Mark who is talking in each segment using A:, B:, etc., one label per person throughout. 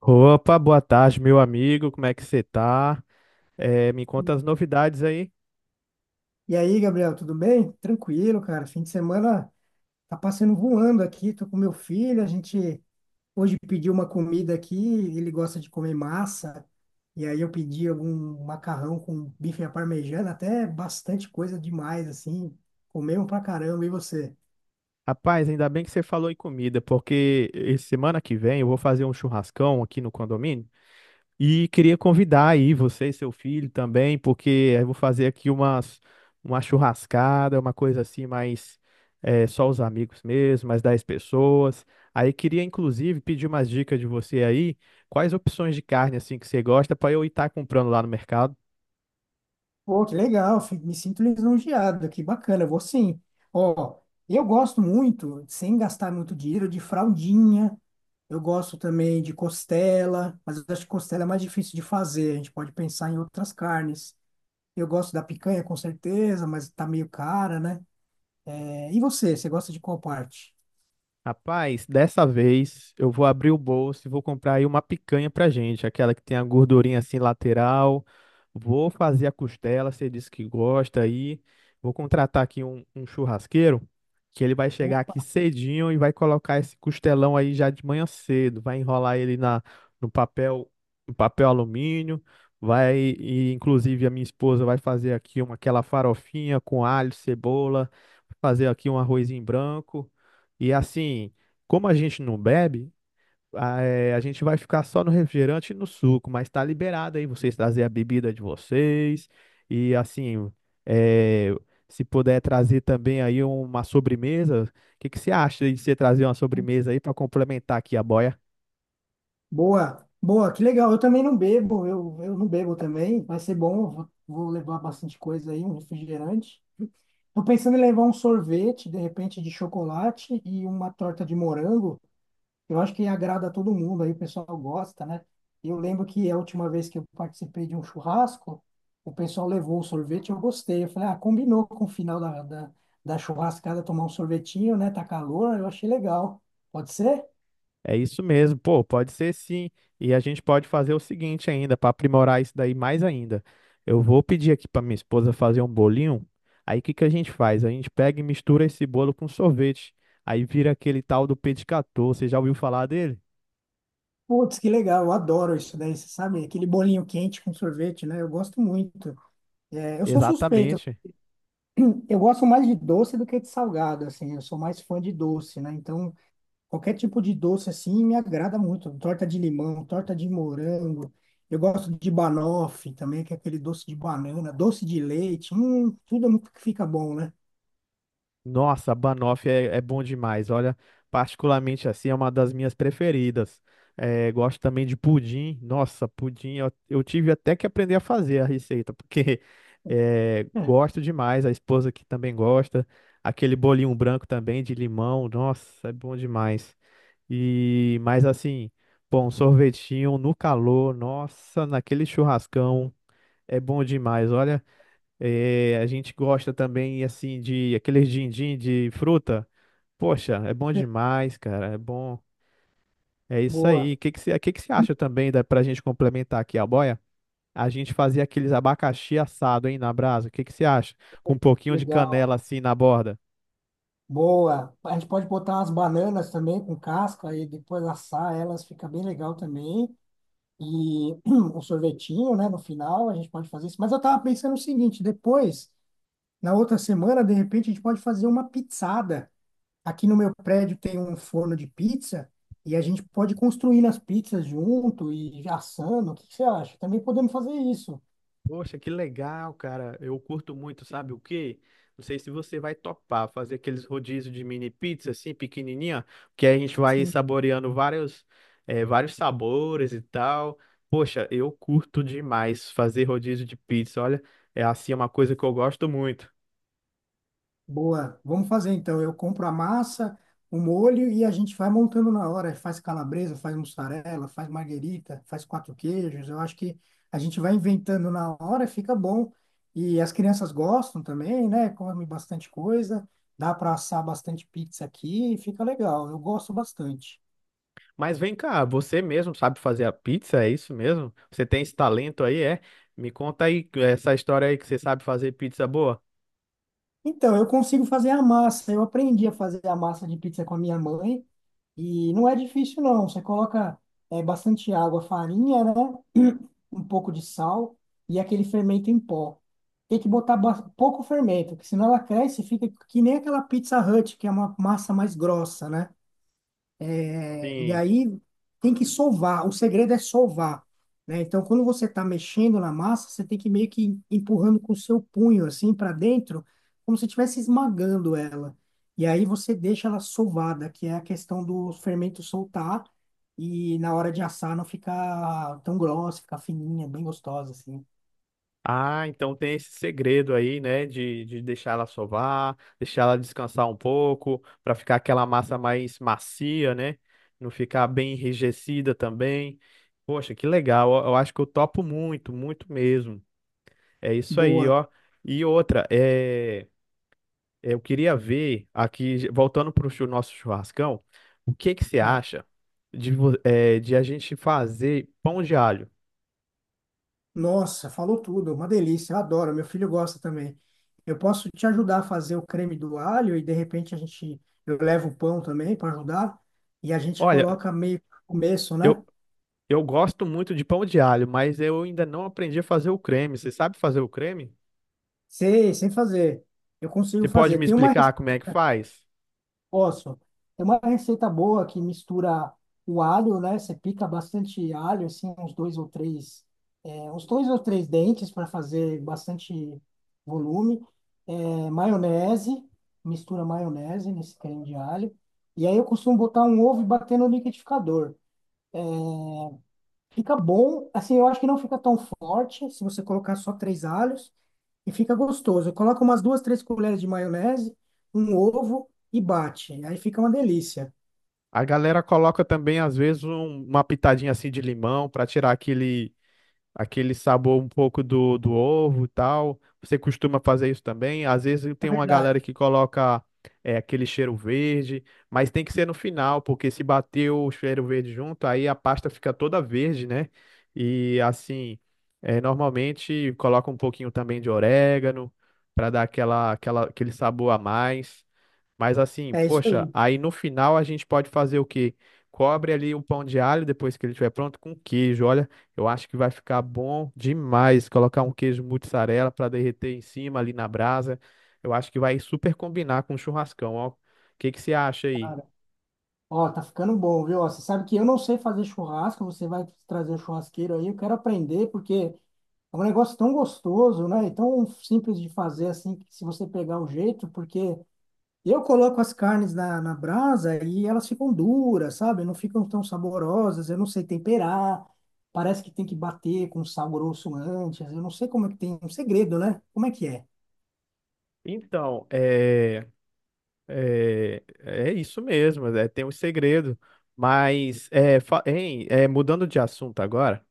A: Opa, boa tarde, meu amigo. Como é que você tá? Me conta as novidades aí.
B: E aí, Gabriel, tudo bem? Tranquilo, cara. Fim de semana tá passando voando aqui. Tô com meu filho. A gente hoje pediu uma comida aqui. Ele gosta de comer massa. E aí eu pedi algum macarrão com bife à parmegiana, até bastante coisa demais, assim. Comemos pra caramba. E você?
A: Rapaz, ainda bem que você falou em comida, porque esse semana que vem eu vou fazer um churrascão aqui no condomínio e queria convidar aí você e seu filho também, porque eu vou fazer aqui uma churrascada, uma coisa assim, mais só os amigos mesmo, mais 10 pessoas. Aí queria inclusive pedir umas dicas de você aí, quais opções de carne assim que você gosta para eu estar comprando lá no mercado.
B: Pô, que legal, me sinto lisonjeado, que bacana, eu vou sim. Ó, eu gosto muito, sem gastar muito dinheiro, de fraldinha, eu gosto também de costela, mas eu acho que costela é mais difícil de fazer, a gente pode pensar em outras carnes. Eu gosto da picanha, com certeza, mas tá meio cara, né? É, e você gosta de qual parte?
A: Rapaz, dessa vez eu vou abrir o bolso e vou comprar aí uma picanha pra gente, aquela que tem a gordurinha assim lateral, vou fazer a costela, você disse que gosta aí. Vou contratar aqui um churrasqueiro, que ele vai chegar aqui cedinho e vai colocar esse costelão aí já de manhã cedo. Vai enrolar ele no papel, no papel alumínio. Vai, e inclusive a minha esposa vai fazer aqui aquela farofinha com alho, cebola, fazer aqui um arrozinho branco. E assim, como a gente não bebe, ah, é, a gente vai ficar só no refrigerante e no suco, mas tá liberado aí vocês trazer a bebida de vocês. E assim, é, se puder trazer também aí uma sobremesa, o que que você acha de você trazer uma sobremesa aí para complementar aqui a boia?
B: Boa, boa, que legal, eu também não bebo, eu não bebo também, vai ser bom, eu vou levar bastante coisa aí, um refrigerante. Tô pensando em levar um sorvete, de repente, de chocolate e uma torta de morango. Eu acho que agrada a todo mundo, aí o pessoal gosta, né? Eu lembro que a última vez que eu participei de um churrasco, o pessoal levou um sorvete, eu gostei. Eu falei, ah, combinou com o final da churrascada tomar um sorvetinho, né? Tá calor, eu achei legal. Pode ser?
A: É isso mesmo, pô, pode ser sim. E a gente pode fazer o seguinte ainda, para aprimorar isso daí mais ainda. Eu vou pedir aqui para minha esposa fazer um bolinho. Aí o que que a gente faz? A gente pega e mistura esse bolo com sorvete. Aí vira aquele tal do Petit Gâteau. Você já ouviu falar dele?
B: Putz, que legal, eu adoro isso daí, você sabe? Aquele bolinho quente com sorvete, né? Eu gosto muito. É, eu sou suspeito.
A: Exatamente.
B: Eu gosto mais de doce do que de salgado, assim. Eu sou mais fã de doce, né? Então, qualquer tipo de doce, assim, me agrada muito. Torta de limão, torta de morango. Eu gosto de banoffee também, que é aquele doce de banana, doce de leite. Tudo é muito que fica bom, né?
A: Nossa, banoffee é bom demais. Olha, particularmente assim, é uma das minhas preferidas. É, gosto também de pudim. Nossa, pudim eu tive até que aprender a fazer a receita, porque é,
B: É,
A: gosto demais. A esposa aqui também gosta. Aquele bolinho branco também de limão. Nossa, é bom demais. E mais assim, bom, sorvetinho no calor. Nossa, naquele churrascão é bom demais. Olha. É, a gente gosta também, assim, de aqueles din-din de fruta. Poxa, é bom demais, cara. É bom. É isso aí. O
B: boa,
A: que que que você acha também da, pra gente complementar aqui a boia? A gente fazer aqueles abacaxi assado, hein, na brasa. O que que você acha? Com um pouquinho de
B: legal,
A: canela assim na borda.
B: boa. A gente pode botar umas bananas também com casca e depois assar elas, fica bem legal também. E um sorvetinho, né, no final, a gente pode fazer isso. Mas eu tava pensando o seguinte, depois. Na outra semana, de repente, a gente pode fazer uma pizzada. Aqui no meu prédio tem um forno de pizza e a gente pode construir as pizzas junto e assando. O que que você acha? Também podemos fazer isso.
A: Poxa, que legal, cara. Eu curto muito, sabe o quê? Não sei se você vai topar fazer aqueles rodízios de mini pizza assim, pequenininha, que aí a gente vai
B: E
A: saboreando vários sabores e tal. Poxa, eu curto demais fazer rodízio de pizza. Olha, é assim é uma coisa que eu gosto muito.
B: Boa, vamos fazer então. Eu compro a massa, o molho e a gente vai montando na hora. Faz calabresa, faz mussarela, faz marguerita, faz quatro queijos. Eu acho que a gente vai inventando na hora, fica bom. E as crianças gostam também, né? Comem bastante coisa, dá para assar bastante pizza aqui, e fica legal. Eu gosto bastante.
A: Mas vem cá, você mesmo sabe fazer a pizza? É isso mesmo? Você tem esse talento aí, é? Me conta aí essa história aí que você sabe fazer pizza boa.
B: Então, eu consigo fazer a massa. Eu aprendi a fazer a massa de pizza com a minha mãe e não é difícil, não. Você coloca bastante água, farinha, né? Um pouco de sal e aquele fermento em pó. Tem que botar pouco fermento, porque senão ela cresce e fica que nem aquela Pizza Hut, que é uma massa mais grossa, né? E
A: Sim.
B: aí tem que sovar, o segredo é sovar, né? Então, quando você está mexendo na massa, você tem que meio que empurrando com o seu punho assim para dentro, como se estivesse esmagando ela. E aí você deixa ela sovada, que é a questão do fermento soltar e na hora de assar não ficar tão grossa, ficar fininha, bem gostosa assim.
A: Ah, então tem esse segredo aí, né, de deixar ela sovar, deixar ela descansar um pouco, para ficar aquela massa mais macia, né? Não ficar bem enrijecida também. Poxa, que legal. Eu acho que eu topo muito, muito mesmo. É isso aí,
B: Boa.
A: ó. E outra, é, eu queria ver aqui, voltando para o nosso churrascão, o que que você
B: Tá.
A: acha de, de a gente fazer pão de alho?
B: Nossa, falou tudo, uma delícia, eu adoro, meu filho gosta também. Eu posso te ajudar a fazer o creme do alho e de repente a gente, eu levo o pão também para ajudar e a gente
A: Olha.
B: coloca meio que no começo, né?
A: eu Eu gosto muito de pão de alho, mas eu ainda não aprendi a fazer o creme. Você sabe fazer o creme?
B: Sei, sem fazer. Eu consigo
A: Você pode
B: fazer.
A: me
B: Tem uma
A: explicar como é que faz?
B: Posso. É uma receita boa que mistura o alho, né? Você pica bastante alho, assim, uns dois ou três, uns dois ou três dentes para fazer bastante volume. É, maionese, mistura maionese nesse creme de alho. E aí eu costumo botar um ovo e bater no liquidificador. Fica bom, assim, eu acho que não fica tão forte se você colocar só três alhos e fica gostoso. Coloca umas duas, três colheres de maionese, um ovo e bate. Aí fica uma delícia.
A: A galera coloca também, às vezes, uma pitadinha assim de limão para tirar aquele sabor um pouco do ovo e tal. Você costuma fazer isso também? Às vezes
B: É
A: tem uma
B: verdade.
A: galera que coloca é, aquele cheiro verde, mas tem que ser no final, porque se bater o cheiro verde junto, aí a pasta fica toda verde, né? E assim, é, normalmente coloca um pouquinho também de orégano para dar aquele sabor a mais. Mas assim,
B: É isso
A: poxa,
B: aí,
A: aí no final a gente pode fazer o quê? Cobre ali o pão de alho depois que ele estiver pronto com queijo. Olha, eu acho que vai ficar bom demais colocar um queijo mussarela para derreter em cima ali na brasa. Eu acho que vai super combinar com o churrascão, ó. O que que você acha aí?
B: cara. Ó, tá ficando bom, viu? Ó, você sabe que eu não sei fazer churrasco, você vai trazer o churrasqueiro aí, eu quero aprender, porque é um negócio tão gostoso, né? E tão simples de fazer assim, que se você pegar o jeito, porque eu coloco as carnes na brasa e elas ficam duras, sabe? Não ficam tão saborosas, eu não sei temperar, parece que tem que bater com sal grosso antes, eu não sei como é que tem, um segredo, né? Como é que é?
A: Então, é isso mesmo, é, tem um segredo. Mas, é, mudando de assunto agora.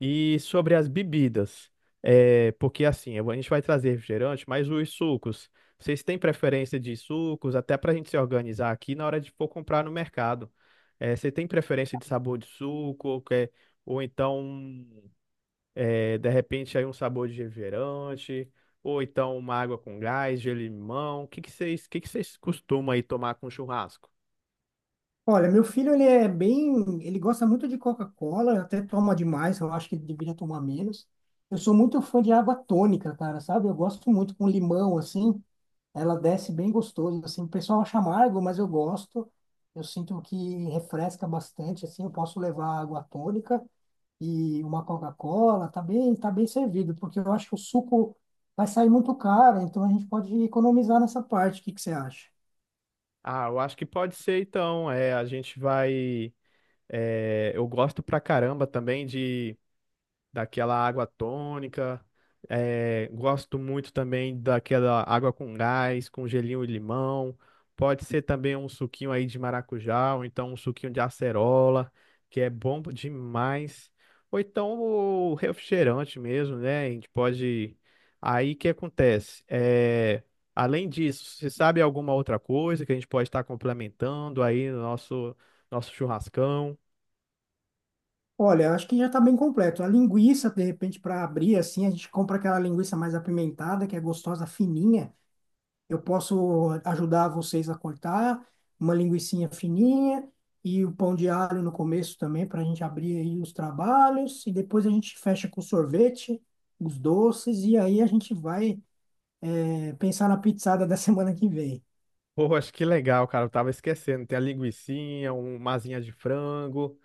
A: E sobre as bebidas, é, porque assim, a gente vai trazer refrigerante, mas os sucos, vocês têm preferência de sucos, até para a gente se organizar aqui na hora de for comprar no mercado. É, você tem preferência de sabor de suco, ou, quer- ou então, é, de repente, aí um sabor de refrigerante, ou então uma água com gás, de limão. O que que que vocês costumam aí tomar com churrasco?
B: Olha, meu filho, ele é bem, ele gosta muito de Coca-Cola, até toma demais, eu acho que ele deveria tomar menos. Eu sou muito fã de água tônica, cara, sabe? Eu gosto muito com limão, assim, ela desce bem gostoso, assim, o pessoal acha amargo, mas eu gosto. Eu sinto que refresca bastante, assim, eu posso levar água tônica e uma Coca-Cola, tá bem servido, porque eu acho que o suco vai sair muito caro, então a gente pode economizar nessa parte, o que que você acha?
A: Ah, eu acho que pode ser então. É, a gente vai. É, eu gosto pra caramba também de daquela água tônica. É, gosto muito também daquela água com gás, com gelinho e limão. Pode ser também um suquinho aí de maracujá, ou então um suquinho de acerola, que é bom demais. Ou então o refrigerante mesmo, né? A gente pode. Aí o que acontece? É, além disso, você sabe alguma outra coisa que a gente pode estar complementando aí no nosso churrascão?
B: Olha, acho que já está bem completo. A linguiça, de repente, para abrir assim, a gente compra aquela linguiça mais apimentada, que é gostosa, fininha. Eu posso ajudar vocês a cortar uma linguicinha fininha e o pão de alho no começo também, para a gente abrir aí os trabalhos. E depois a gente fecha com sorvete, os doces, e aí a gente vai, pensar na pizzada da semana que vem.
A: Pô, acho que legal, cara. Eu tava esquecendo. Tem a linguicinha, uma asinha de frango.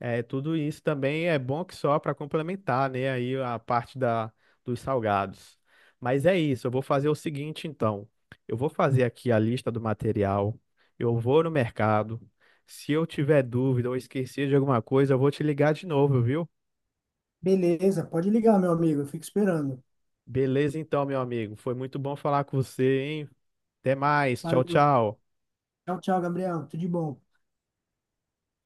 A: É, tudo isso também é bom que só para complementar, né? Aí a parte da, dos salgados. Mas é isso, eu vou fazer o seguinte então. Eu vou fazer aqui a lista do material. Eu vou no mercado. Se eu tiver dúvida ou esquecer de alguma coisa, eu vou te ligar de novo, viu?
B: Beleza, pode ligar, meu amigo. Eu fico esperando.
A: Beleza então, meu amigo. Foi muito bom falar com você, hein? Até mais. Tchau,
B: Valeu.
A: tchau.
B: Tchau, tchau, Gabriel. Tudo de bom.